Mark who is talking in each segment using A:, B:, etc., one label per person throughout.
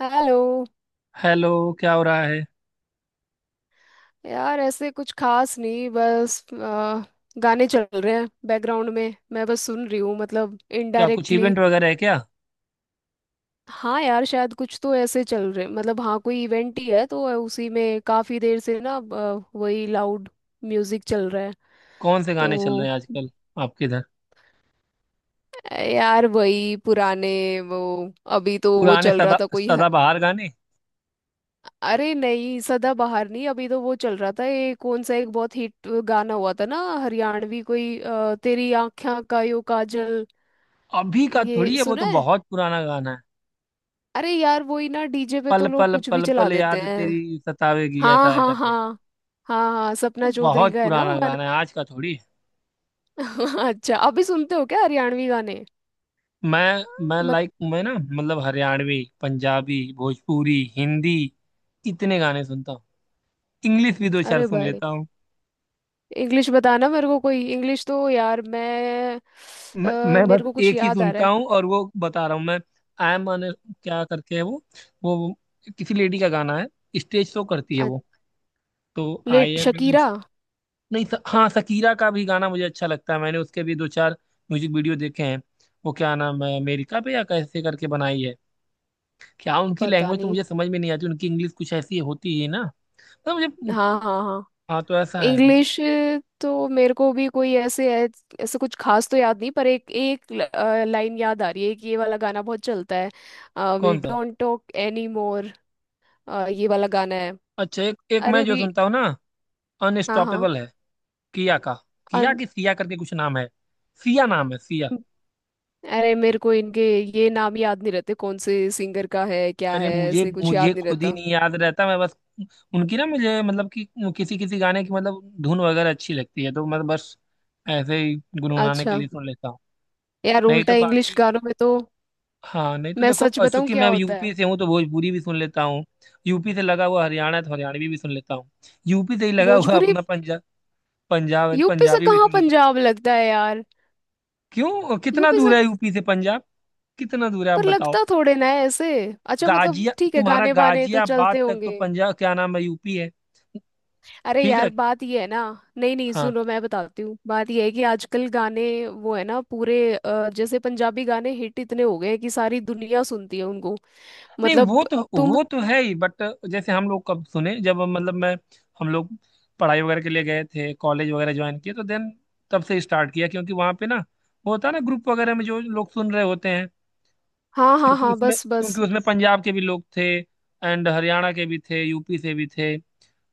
A: Hello.
B: Hello. क्या हो रहा है।
A: यार ऐसे कुछ खास नहीं, बस गाने चल रहे हैं बैकग्राउंड में, मैं बस सुन रही हूँ मतलब
B: क्या कुछ
A: इनडायरेक्टली।
B: इवेंट वगैरह है क्या।
A: हाँ यार शायद कुछ तो ऐसे चल रहे, मतलब हाँ कोई इवेंट ही है, तो उसी में काफी देर से ना वही लाउड म्यूजिक चल रहा है।
B: कौन से गाने चल रहे
A: तो
B: हैं आजकल आपके इधर।
A: यार वही पुराने वो, अभी तो वो
B: पुराने
A: चल रहा
B: सदा
A: था कोई।
B: सदाबहार गाने।
A: अरे नहीं, सदाबहार नहीं, अभी तो वो चल रहा था, ये कौन सा एक बहुत हिट गाना हुआ था ना हरियाणवी कोई तेरी आँखें का यो काजल।
B: अभी का थोड़ी
A: ये
B: है, वो
A: सुना
B: तो
A: है?
B: बहुत पुराना गाना है।
A: अरे यार वही ना, डीजे पे
B: पल
A: तो लोग
B: पल
A: कुछ भी
B: पल
A: चला
B: पल
A: देते
B: याद
A: हैं।
B: तेरी सतावेगी
A: हाँ
B: ऐसा है
A: हाँ हाँ।
B: करके।
A: हाँ हाँ,
B: तो
A: सपना चौधरी
B: बहुत
A: का है ना वो
B: पुराना
A: गाना।
B: गाना है, आज का थोड़ी है।
A: अच्छा, अभी सुनते हो क्या हरियाणवी गाने?
B: मैं
A: मत।
B: लाइक मैं, ना मतलब हरियाणवी, पंजाबी, भोजपुरी, हिंदी इतने गाने सुनता हूँ। इंग्लिश भी दो चार
A: अरे
B: सुन
A: भाई,
B: लेता।
A: इंग्लिश बताना मेरे को कोई। इंग्लिश तो यार मैं,
B: मैं मैं
A: मेरे
B: बस
A: को कुछ
B: एक ही
A: याद आ रहा
B: सुनता
A: है।
B: हूँ और वो बता रहा हूँ मैं। आई एम अन। क्या करके है वो। वो किसी लेडी का गाना है। स्टेज शो करती है
A: अ,
B: वो। तो आई एम।
A: शकीरा।
B: नहीं हाँ, शकीरा का भी गाना मुझे अच्छा लगता है, मैंने उसके भी दो चार म्यूजिक वीडियो देखे हैं। वो क्या नाम है, अमेरिका पे या कैसे करके बनाई है। क्या उनकी
A: पता
B: लैंग्वेज तो
A: नहीं।
B: मुझे समझ में नहीं आती, उनकी इंग्लिश कुछ ऐसी होती है ना। तो मुझे।
A: हाँ हाँ हाँ।
B: हाँ, तो ऐसा है।
A: इंग्लिश। तो मेरे को भी कोई ऐसे ऐसे कुछ खास तो याद नहीं, पर एक एक लाइन याद आ रही है कि ये वाला गाना बहुत चलता है, वी
B: कौन सा।
A: Don't talk any more. ये वाला गाना है।
B: अच्छा, एक एक मैं
A: अरे
B: जो
A: भी।
B: सुनता हूँ ना।
A: हाँ हाँ।
B: अनस्टॉपेबल है। किया का। किया
A: अन-
B: कि सिया करके कुछ नाम है। सिया नाम है सिया।
A: अरे मेरे को इनके ये नाम याद नहीं रहते, कौन से सिंगर का है क्या
B: अरे
A: है,
B: मुझे
A: ऐसे कुछ
B: मुझे
A: याद नहीं
B: खुद ही
A: रहता।
B: नहीं याद रहता, मैं बस। उनकी, ना मुझे मतलब कि किसी किसी गाने की मतलब धुन वगैरह अच्छी लगती है तो मैं बस ऐसे ही गुनगुनाने के
A: अच्छा।
B: लिए सुन लेता हूँ।
A: यार
B: नहीं
A: उल्टा
B: तो
A: इंग्लिश
B: बाकी।
A: गानों में तो,
B: हाँ नहीं तो
A: मैं
B: देखो,
A: सच
B: और
A: बताऊं
B: चूंकि
A: क्या
B: मैं
A: होता है।
B: यूपी से हूँ तो भोजपुरी भी सुन लेता हूँ। यूपी से लगा हुआ हरियाणा है तो हरियाणवी भी सुन लेता हूँ। यूपी से ही लगा हुआ
A: भोजपुरी।
B: अपना पंजाब। पंजाब है तो
A: यूपी से
B: पंजाबी भी
A: कहाँ
B: सुन लेता हूँ।
A: पंजाब लगता है यार?
B: क्यों, कितना
A: यूपी
B: दूर
A: से?
B: है यूपी से पंजाब। कितना दूर है आप
A: पर
B: बताओ।
A: लगता थोड़े ना है ऐसे। अच्छा मतलब
B: गाजिया
A: ठीक है
B: तुम्हारा
A: गाने वाने तो
B: गाजियाबाद
A: चलते
B: तक तो
A: होंगे।
B: पंजाब, क्या नाम है, यूपी है।
A: अरे
B: ठीक
A: यार
B: है।
A: बात ये है ना। नहीं नहीं
B: हाँ
A: सुनो, मैं बताती हूँ, बात ये है कि आजकल गाने वो है ना पूरे जैसे पंजाबी गाने हिट इतने हो गए हैं कि सारी दुनिया सुनती है उनको।
B: नहीं,
A: मतलब।
B: वो तो
A: तुम।
B: वो तो है ही, बट जैसे हम लोग कब सुने, जब मतलब मैं हम लोग पढ़ाई वगैरह के लिए गए थे, कॉलेज वगैरह ज्वाइन किए, तो देन तब से स्टार्ट किया, क्योंकि वहाँ पे ना वो होता है ना ग्रुप वगैरह में जो लोग सुन रहे होते हैं।
A: हाँ हाँ
B: क्योंकि
A: हाँ,
B: उसमें
A: बस बस।
B: क्योंकि उसमें पंजाब के भी लोग थे, एंड हरियाणा के भी थे, यूपी से भी थे।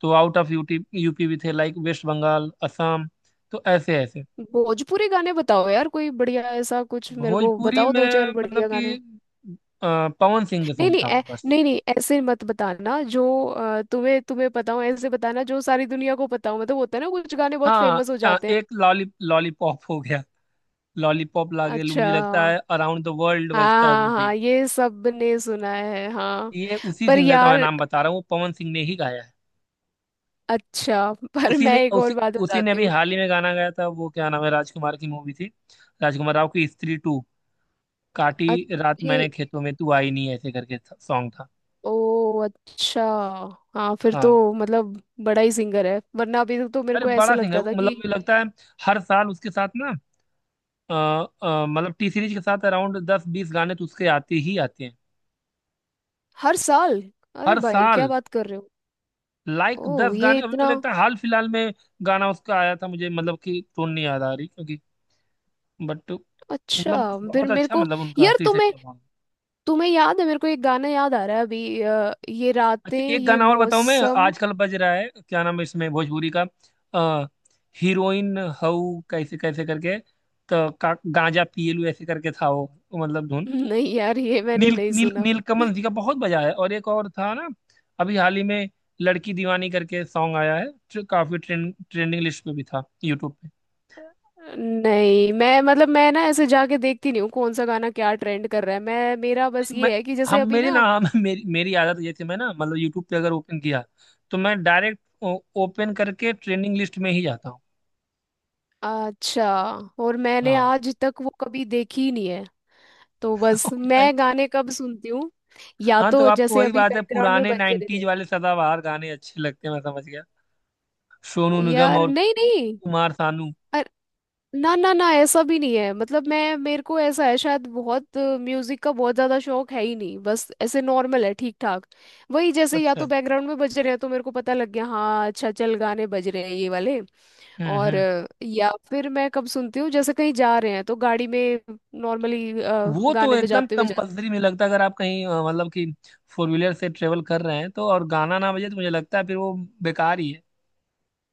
B: तो आउट ऑफ यूटी यूपी भी थे, लाइक वेस्ट बंगाल, असम। तो ऐसे ऐसे।
A: भोजपुरी गाने बताओ यार, कोई बढ़िया ऐसा कुछ मेरे को
B: भोजपुरी
A: बताओ, दो
B: में
A: चार
B: मतलब
A: बढ़िया
B: कि
A: गाने।
B: पवन सिंह के
A: नहीं नहीं
B: सुनता हूँ बस।
A: नहीं नहीं ऐसे मत बताना जो तुम्हें तुम्हें पता हो, ऐसे बताना जो सारी दुनिया को पता हो। मतलब होता है ना कुछ गाने बहुत
B: हाँ,
A: फेमस हो जाते हैं।
B: एक लॉलीपॉप हो गया। लॉलीपॉप लागे लू,
A: अच्छा।
B: मुझे लगता है अराउंड द वर्ल्ड
A: हाँ
B: बजता है
A: हाँ
B: वो भी।
A: हाँ, ये सब ने सुना है हाँ।
B: ये उसी
A: पर
B: सिंगर का मैं
A: यार।
B: नाम बता रहा हूँ, वो पवन सिंह ने ही गाया है।
A: अच्छा पर
B: उसी
A: मैं
B: ने
A: एक और
B: उसी
A: बात
B: उसी ने
A: बताती
B: अभी
A: हूँ।
B: हाल ही में गाना गाया था, वो क्या नाम है, राजकुमार की मूवी थी। राजकुमार राव की स्त्री टू।
A: अ-
B: काटी रात
A: ये।
B: मैंने खेतों में तू आई नहीं, ऐसे करके सॉन्ग था।
A: ओ अच्छा। हाँ, फिर तो
B: हाँ,
A: मतलब बड़ा ही सिंगर है, वरना अभी तक तो मेरे
B: अरे
A: को ऐसे
B: बड़ा सिंगर
A: लगता था
B: मतलब,
A: कि।
B: मुझे लगता है हर साल उसके साथ ना मतलब टी सीरीज के साथ अराउंड दस बीस गाने तो उसके आते ही आते हैं।
A: हर साल। अरे
B: हर
A: भाई क्या
B: साल
A: बात कर रहे हो।
B: लाइक
A: ओ
B: दस
A: ये
B: गाने। अभी
A: इतना।
B: मुझे लगता है हाल फिलहाल में गाना उसका आया था, मुझे मतलब कि टोन नहीं याद आ रही, क्योंकि बट मतलब
A: अच्छा। फिर
B: बहुत
A: मेरे
B: अच्छा
A: को।
B: मतलब उनका
A: यार
B: टी सीरीज
A: तुम्हें
B: का गाना।
A: तुम्हें याद है, मेरे को एक गाना याद आ रहा है अभी ये रातें
B: अच्छा एक
A: ये
B: गाना और बताऊं, मैं
A: मौसम।
B: आजकल बज रहा है, क्या नाम है इसमें भोजपुरी का। आ, हीरोइन हऊ कैसे कैसे करके, तो गांजा पिएलू ऐसे करके था वो। मतलब धुन।
A: नहीं यार ये मैंने
B: नील
A: नहीं
B: नील
A: सुना।
B: नीलकमल जी का बहुत बजा है, और एक और था ना अभी हाल ही में, लड़की दीवानी करके सॉन्ग आया है, जो काफी ट्रेंडिंग लिस्ट पे भी था यूट्यूब पे।
A: नहीं मैं मतलब मैं ना ऐसे जाके देखती नहीं हूँ कौन सा गाना क्या ट्रेंड कर रहा है, मैं मेरा बस
B: नहीं, मैं
A: ये है कि जैसे
B: हम
A: अभी
B: मेरी ना
A: ना।
B: हम मेरी मेरी आदत ये थी, मैं ना मतलब यूट्यूब पे अगर ओपन किया तो मैं डायरेक्ट ओपन करके ट्रेंडिंग लिस्ट में ही जाता हूँ।
A: अच्छा। और मैंने
B: हाँ
A: आज तक वो कभी देखी ही नहीं है। तो बस
B: तो भाई।
A: मैं गाने कब सुनती हूँ, या
B: हाँ तो
A: तो
B: आपको
A: जैसे
B: वही
A: अभी
B: बात है,
A: बैकग्राउंड में
B: पुराने
A: बज रहे
B: 90s
A: थे।
B: वाले सदाबहार गाने अच्छे लगते हैं, मैं समझ गया। सोनू निगम
A: यार
B: और
A: नहीं नहीं।
B: कुमार सानू।
A: ना ना ना ऐसा भी नहीं है, मतलब मैं मेरे को ऐसा है शायद बहुत म्यूजिक का बहुत ज्यादा शौक है ही नहीं, बस ऐसे नॉर्मल है ठीक ठाक। वही जैसे या तो
B: अच्छा।
A: बैकग्राउंड में बज रहे हैं तो मेरे को पता लग गया हाँ अच्छा, चल गाने बज रहे हैं ये वाले। और
B: हम्म।
A: या फिर मैं कब सुनती हूँ, जैसे कहीं जा रहे हैं तो गाड़ी में नॉर्मली
B: वो तो
A: गाने
B: एकदम
A: बजाते हुए जा।
B: कंपलसरी, मुझे लगता है अगर आप कहीं मतलब कि फोर व्हीलर से ट्रेवल कर रहे हैं तो, और गाना ना बजे तो मुझे लगता है फिर वो बेकार ही है।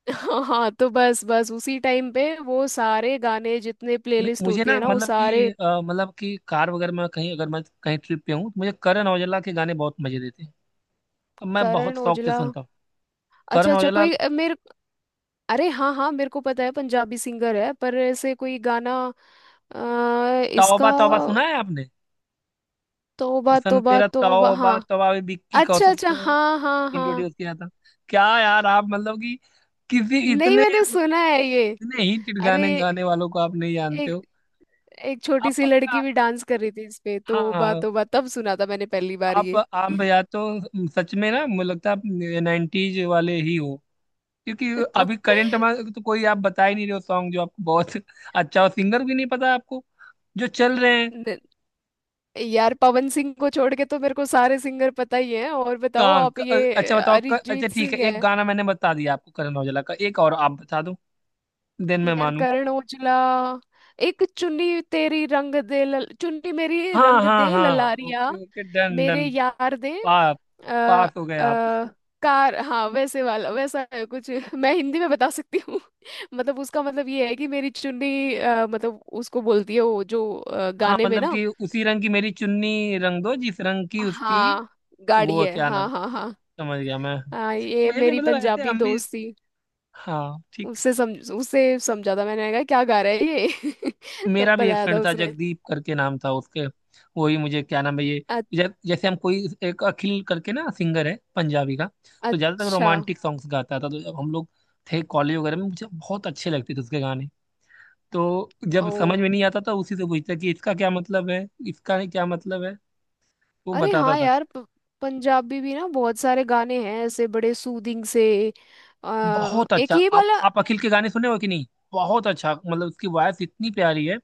A: हाँ हाँ, तो बस बस उसी टाइम पे वो सारे गाने जितने प्लेलिस्ट
B: मुझे
A: होती
B: ना
A: है ना, वो
B: मतलब कि
A: सारे।
B: मतलब कि कार वगैरह में कहीं, अगर मैं कहीं ट्रिप पे हूँ तो मुझे करण औजला के गाने बहुत मजे देते हैं। तो मैं बहुत
A: करण
B: शौक से
A: ओजला।
B: सुनता हूँ।
A: अच्छा
B: करण
A: अच्छा,
B: औजला।
A: कोई मेरे। अरे हाँ हाँ मेरे को पता है पंजाबी सिंगर है, पर ऐसे कोई गाना इसका।
B: तौबा तौबा सुना है आपने।
A: तौबा
B: हुसन
A: तौबा,
B: तेरा
A: तौबा
B: तौबा
A: हाँ।
B: तौबा भी विक्की
A: अच्छा
B: कौशल
A: अच्छा
B: को
A: हाँ हाँ हाँ।
B: इंट्रोड्यूस किया था। क्या यार, आप मतलब कि किसी
A: नहीं
B: इतने,
A: मैंने सुना है ये।
B: इतने ही
A: अरे
B: गाने गाने वालों को आप नहीं जानते
A: एक।
B: हो।
A: एक छोटी
B: आप
A: सी लड़की
B: पक्का।
A: भी डांस कर रही थी इस पे तौबा
B: हाँ,
A: तौबा, तब सुना था मैंने पहली बार
B: आप
A: ये।
B: आप या तो सच में, ना मुझे लगता है आप नाइन्टीज वाले ही हो, क्योंकि अभी करंट में तो कोई आप बता ही नहीं रहे हो सॉन्ग जो आपको बहुत अच्छा हो, सिंगर भी नहीं पता आपको जो चल रहे हैं।
A: न- यार पवन सिंह को छोड़ के तो मेरे को सारे सिंगर पता ही हैं। और बताओ
B: कहाँ
A: आप ये
B: अच्छा बताओ, अच्छा
A: अरिजीत
B: ठीक है,
A: सिंह
B: एक
A: है।
B: गाना मैंने बता दिया आपको करण औजला का, एक और आप बता दो, देन मैं
A: यार
B: मानू।
A: करण ओजला। एक चुन्नी तेरी रंग दे चुन्नी मेरी
B: हाँ
A: रंग
B: हाँ
A: दे
B: हाँ।
A: ललारिया।
B: ओके ओके डन
A: मेरे
B: डन।
A: यार दे।
B: पा,
A: आ,
B: पास हो गए आप।
A: कार हाँ, वैसे वाला वैसा है कुछ। मैं हिंदी में बता सकती हूँ। मतलब उसका मतलब ये है कि मेरी चुन्नी मतलब उसको बोलती है वो जो
B: हाँ
A: गाने में
B: मतलब
A: ना।
B: कि उसी रंग की मेरी चुन्नी रंग दो जिस रंग की उसकी।
A: हाँ गाड़ी
B: वो
A: है
B: क्या नाम,
A: हाँ हाँ हाँ।
B: समझ गया मैं।
A: हाँ ये
B: मुझे भी
A: मेरी
B: मतलब ऐसे
A: पंजाबी
B: हम भी।
A: दोस्त थी।
B: हाँ ठीक।
A: उससे समझा था, मैंने कहा क्या गा रहा है ये, तब
B: मेरा भी एक
A: बताया था
B: फ्रेंड था,
A: उसने।
B: जगदीप करके नाम था उसके। वो ही मुझे, क्या नाम है ये, जैसे हम कोई एक अखिल करके ना सिंगर है पंजाबी का। तो ज्यादातर
A: अच्छा।
B: रोमांटिक सॉन्ग्स गाता था, तो जब हम लोग थे कॉलेज वगैरह में, मुझे बहुत अच्छे लगते थे उसके गाने। तो जब
A: ओ।
B: समझ में नहीं आता था, उसी से पूछता कि इसका क्या मतलब है, इसका क्या मतलब है। वो
A: अरे
B: बताता
A: हाँ
B: था।
A: यार पंजाबी भी ना बहुत सारे गाने हैं ऐसे बड़े सूदिंग से।
B: बहुत
A: एक
B: अच्छा,
A: ये
B: आप
A: वाला।
B: आप अखिल के गाने सुने हो कि नहीं। बहुत अच्छा मतलब, उसकी वॉयस इतनी प्यारी है।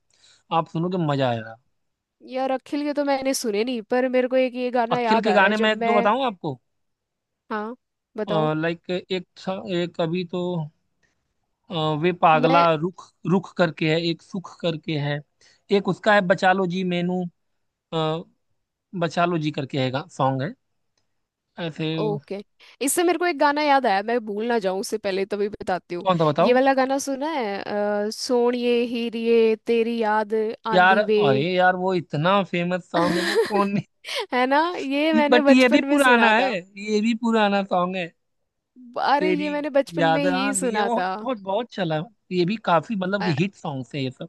B: आप सुनोगे, मजा आएगा।
A: यार अखिल के तो मैंने सुने नहीं, पर मेरे को एक ये गाना
B: अखिल
A: याद
B: के
A: आ रहा है
B: गाने मैं
A: जब
B: एक दो
A: मैं।
B: बताऊं आपको।
A: हाँ बताओ।
B: लाइक एक था, एक अभी तो अ, वे
A: मैं।
B: पागला रुख रुख करके है, एक सुख करके है। एक उसका है बचा लो जी मैनू, अ, बचा लो जी करके है सॉन्ग है ऐसे।
A: ओके। इससे मेरे को एक गाना याद आया, मैं भूल ना जाऊं उससे पहले तभी बताती हूँ।
B: कौन सा
A: ये
B: बताओ।
A: वाला गाना सुना है? सोणिए हीरिए तेरी याद
B: यार
A: आंदी वे।
B: अरे यार वो इतना फेमस सॉन्ग है, वो कौन।
A: है ना, ये मैंने
B: बट ये भी
A: बचपन में
B: पुराना
A: सुना था।
B: है, ये भी पुराना सॉन्ग है।
A: अरे
B: तेरी
A: ये मैंने बचपन में
B: याद
A: ही
B: आंधी है,
A: सुना
B: बहुत
A: था।
B: बहुत बहुत चला। ये भी काफी मतलब कि
A: अ-
B: हिट सॉन्ग है ये सब।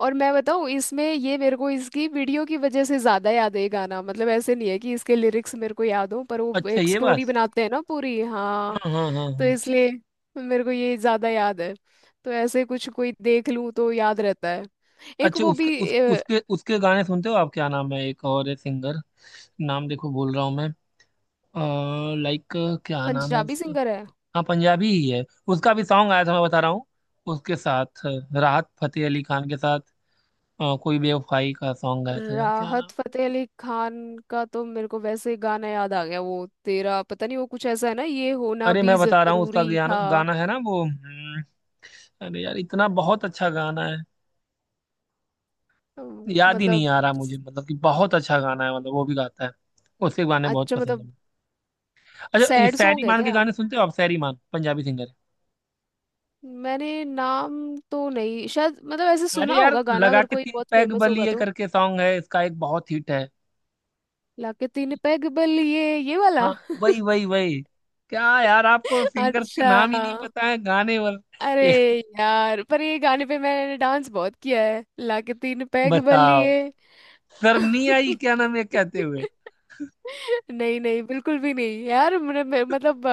A: और मैं बताऊं इसमें, ये मेरे को इसकी वीडियो की वजह से ज्यादा याद है ये गाना, मतलब ऐसे नहीं है कि इसके लिरिक्स मेरे को याद हो, पर वो
B: अच्छा
A: एक
B: ये बात
A: स्टोरी
B: है।
A: बनाते हैं ना पूरी हाँ।
B: हाँ हाँ हाँ
A: तो
B: हाँ।
A: इसलिए मेरे को ये ज्यादा याद है। तो ऐसे कुछ कोई देख लूं तो याद रहता है। एक
B: अच्छा
A: वो
B: उसके उस,
A: भी
B: उसके उसके गाने सुनते हो आप, क्या नाम है, एक और है सिंगर। नाम देखो बोल रहा हूँ मैं। लाइक, क्या नाम है
A: पंजाबी
B: उसका।
A: सिंगर है।
B: हाँ पंजाबी ही है। उसका भी सॉन्ग आया था, मैं बता रहा हूँ उसके साथ राहत फतेह अली खान के साथ कोई बेवफाई का सॉन्ग आया था, यार क्या
A: राहत
B: नाम।
A: फतेह अली खान का तो मेरे को वैसे गाना याद आ गया, वो तेरा पता नहीं वो कुछ ऐसा है ना ये होना
B: अरे
A: भी
B: मैं बता रहा हूँ उसका
A: जरूरी
B: गाना
A: था।
B: गाना है ना वो, हम्म। अरे यार इतना बहुत अच्छा गाना है। याद ही नहीं
A: मतलब।
B: आ रहा मुझे, मतलब कि बहुत अच्छा गाना है, मतलब वो भी गाता है। उसके गाने बहुत
A: अच्छा
B: पसंद
A: मतलब
B: है। अच्छा, ये
A: सैड
B: सैरी
A: सॉन्ग है
B: मान के
A: क्या?
B: गाने सुनते हो आप, सैरी मान पंजाबी सिंगर है।
A: मैंने नाम तो नहीं, शायद मतलब ऐसे
B: अरे
A: सुना
B: यार
A: होगा गाना
B: लगा
A: अगर
B: के
A: कोई
B: तीन
A: बहुत
B: पैग
A: फेमस होगा
B: बलिए
A: तो।
B: करके सॉन्ग है इसका, एक बहुत हिट है।
A: लाके तीन पैग बलिए ये वाला।
B: हाँ, वही वही वही। क्या यार, आपको सिंगर्स के
A: अच्छा।
B: नाम ही नहीं पता है, गाने वाल
A: अरे
B: एक
A: यार पर ये गाने पे मैंने डांस बहुत किया है, लाके तीन पैग
B: बताओ।
A: बल्लिए।
B: शर्म नहीं आई, क्या नाम है, कहते हुए।
A: नहीं नहीं बिल्कुल भी नहीं यार, मेरे, मेरे, मतलब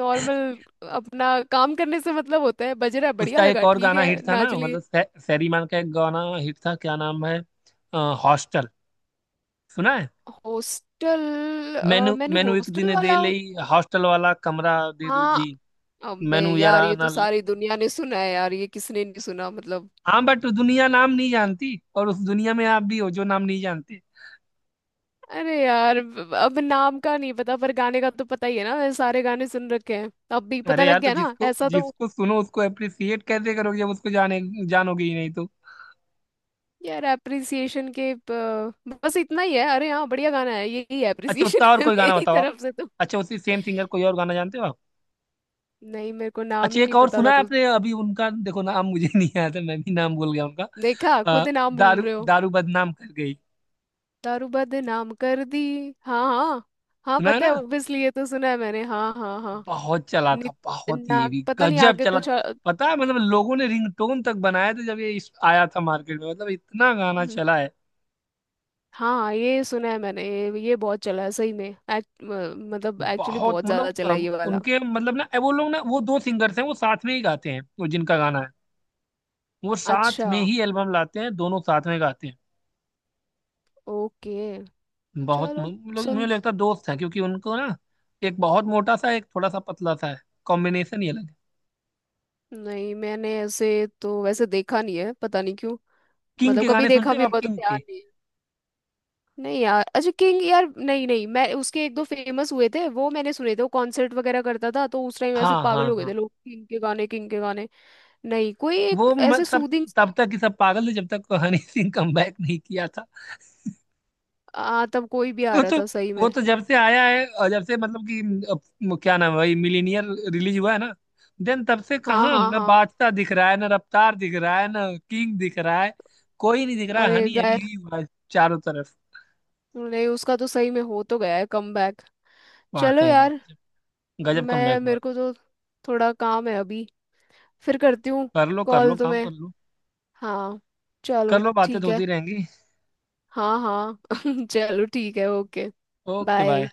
A: नॉर्मल अपना काम करने से मतलब होता है, बज रहा है बढ़िया
B: उसका एक
A: लगा
B: और
A: ठीक
B: गाना
A: है
B: हिट था ना,
A: नाच लिए।
B: मतलब सैरीमान का एक गाना हिट था, क्या नाम है। हॉस्टल सुना है।
A: हॉस्टल
B: मैनू
A: मैंने
B: मैनू एक
A: हॉस्टल
B: दिन दे
A: वाला
B: लई हॉस्टल वाला कमरा दे दो
A: हाँ।
B: जी,
A: अबे
B: मैनू यारा
A: यार ये तो
B: ना।
A: सारी दुनिया ने सुना है यार, ये किसने नहीं सुना मतलब।
B: हाँ बट दुनिया नाम नहीं जानती, और उस दुनिया में आप भी हो जो नाम नहीं जानते।
A: अरे यार अब नाम का नहीं पता, पर गाने का तो पता ही है ना, मैंने सारे गाने सुन रखे हैं, अब भी पता
B: अरे
A: लग
B: यार, तो
A: गया ना
B: जिसको
A: ऐसा तो।
B: जिसको सुनो उसको अप्रिसिएट कैसे करोगे, जब उसको जाने जानोगे ही नहीं तो।
A: यार एप्रिसिएशन के बस इतना ही है, अरे हाँ बढ़िया गाना है, यही
B: अच्छा
A: एप्रिसिएशन
B: उसका और
A: है
B: कोई
A: appreciation।
B: गाना
A: मेरी
B: बताओ आप।
A: तरफ से तो।
B: अच्छा उसी सेम सिंगर कोई और गाना जानते हो आप।
A: नहीं मेरे को नाम
B: अच्छा
A: ही
B: एक
A: नहीं
B: और
A: पता
B: सुना
A: था
B: है
A: तो।
B: आपने, अभी उनका देखो, नाम मुझे नहीं याद है, मैं भी नाम भूल गया उनका।
A: देखा,
B: अ,
A: खुद नाम भूल
B: दारू
A: रहे हो।
B: दारू बदनाम कर गई।
A: दारू बदनाम कर दी हाँ हाँ। हाँ
B: सुना है
A: पता है,
B: ना।
A: ऑब्वियसली ये तो सुना है मैंने हाँ हाँ हाँ।
B: बहुत चला था,
A: नि-
B: बहुत ये
A: ना
B: भी
A: पता नहीं
B: गजब
A: आगे
B: चला।
A: कुछ
B: पता है, मतलब लोगों ने रिंगटोन तक बनाया था जब ये आया था मार्केट में, मतलब इतना गाना चला है।
A: हाँ ये सुना है मैंने, ये बहुत चला है सही में, मतलब एक्चुअली
B: बहुत
A: बहुत
B: मतलब
A: ज्यादा चला है ये वाला।
B: उनके मतलब ना वो लोग, ना वो दो सिंगर्स हैं, वो साथ में ही गाते हैं, वो जिनका गाना है। वो साथ
A: अच्छा।
B: में ही एल्बम लाते हैं, दोनों साथ में गाते
A: ओके।
B: हैं। बहुत
A: चलो।
B: लोग, मुझे
A: सुन।
B: लगता है दोस्त हैं, क्योंकि उनको ना एक बहुत मोटा सा, एक थोड़ा सा पतला सा है। कॉम्बिनेशन ही अलग है।
A: नहीं मैंने ऐसे तो वैसे देखा नहीं है पता नहीं क्यों,
B: किंग
A: मतलब
B: के
A: कभी
B: गाने
A: देखा
B: सुनते हो
A: भी
B: आप,
A: होगा तो
B: किंग
A: ध्यान
B: के।
A: नहीं है। नहीं यार अच्छा, किंग यार नहीं नहीं मैं, उसके एक दो फेमस हुए थे वो मैंने सुने थे, वो कॉन्सर्ट वगैरह करता था तो उस टाइम ऐसे
B: हाँ
A: पागल
B: हाँ
A: हो गए थे
B: हाँ।
A: लोग, किंग के गाने किंग के गाने। नहीं कोई एक
B: वो
A: ऐसे
B: सब
A: सूदिंग सा।
B: तब तक ही सब पागल थे, जब तक हनी सिंह कमबैक नहीं किया था।
A: तब कोई भी आ
B: वो
A: रहा
B: तो
A: था सही
B: वो
A: में।
B: तो जब से आया है, और जब से मतलब कि क्या नाम है भाई, मिलीनियर रिलीज हुआ है ना, देन तब से
A: हाँ
B: कहाँ
A: हाँ
B: ना
A: हाँ।
B: बादशाह दिख रहा है, ना रफ्तार दिख रहा है, ना किंग दिख रहा है। कोई नहीं दिख रहा है,
A: अरे
B: हनी हनी
A: गाय।
B: ही हुआ है चारों तरफ।
A: नहीं उसका तो सही में हो तो गया है कमबैक। चलो
B: वाकई में
A: यार।
B: गजब। गजब
A: मैं
B: कमबैक हुआ
A: मेरे
B: है।
A: को तो थोड़ा काम है अभी, फिर करती हूँ
B: कर लो, कर
A: कॉल
B: लो, काम कर
A: तुम्हें।
B: लो।
A: हाँ।
B: कर
A: चलो
B: लो, बातें तो
A: ठीक है।
B: होती रहेंगी।
A: हाँ हाँ। चलो ठीक है ओके।
B: Okay
A: bye.
B: बाय।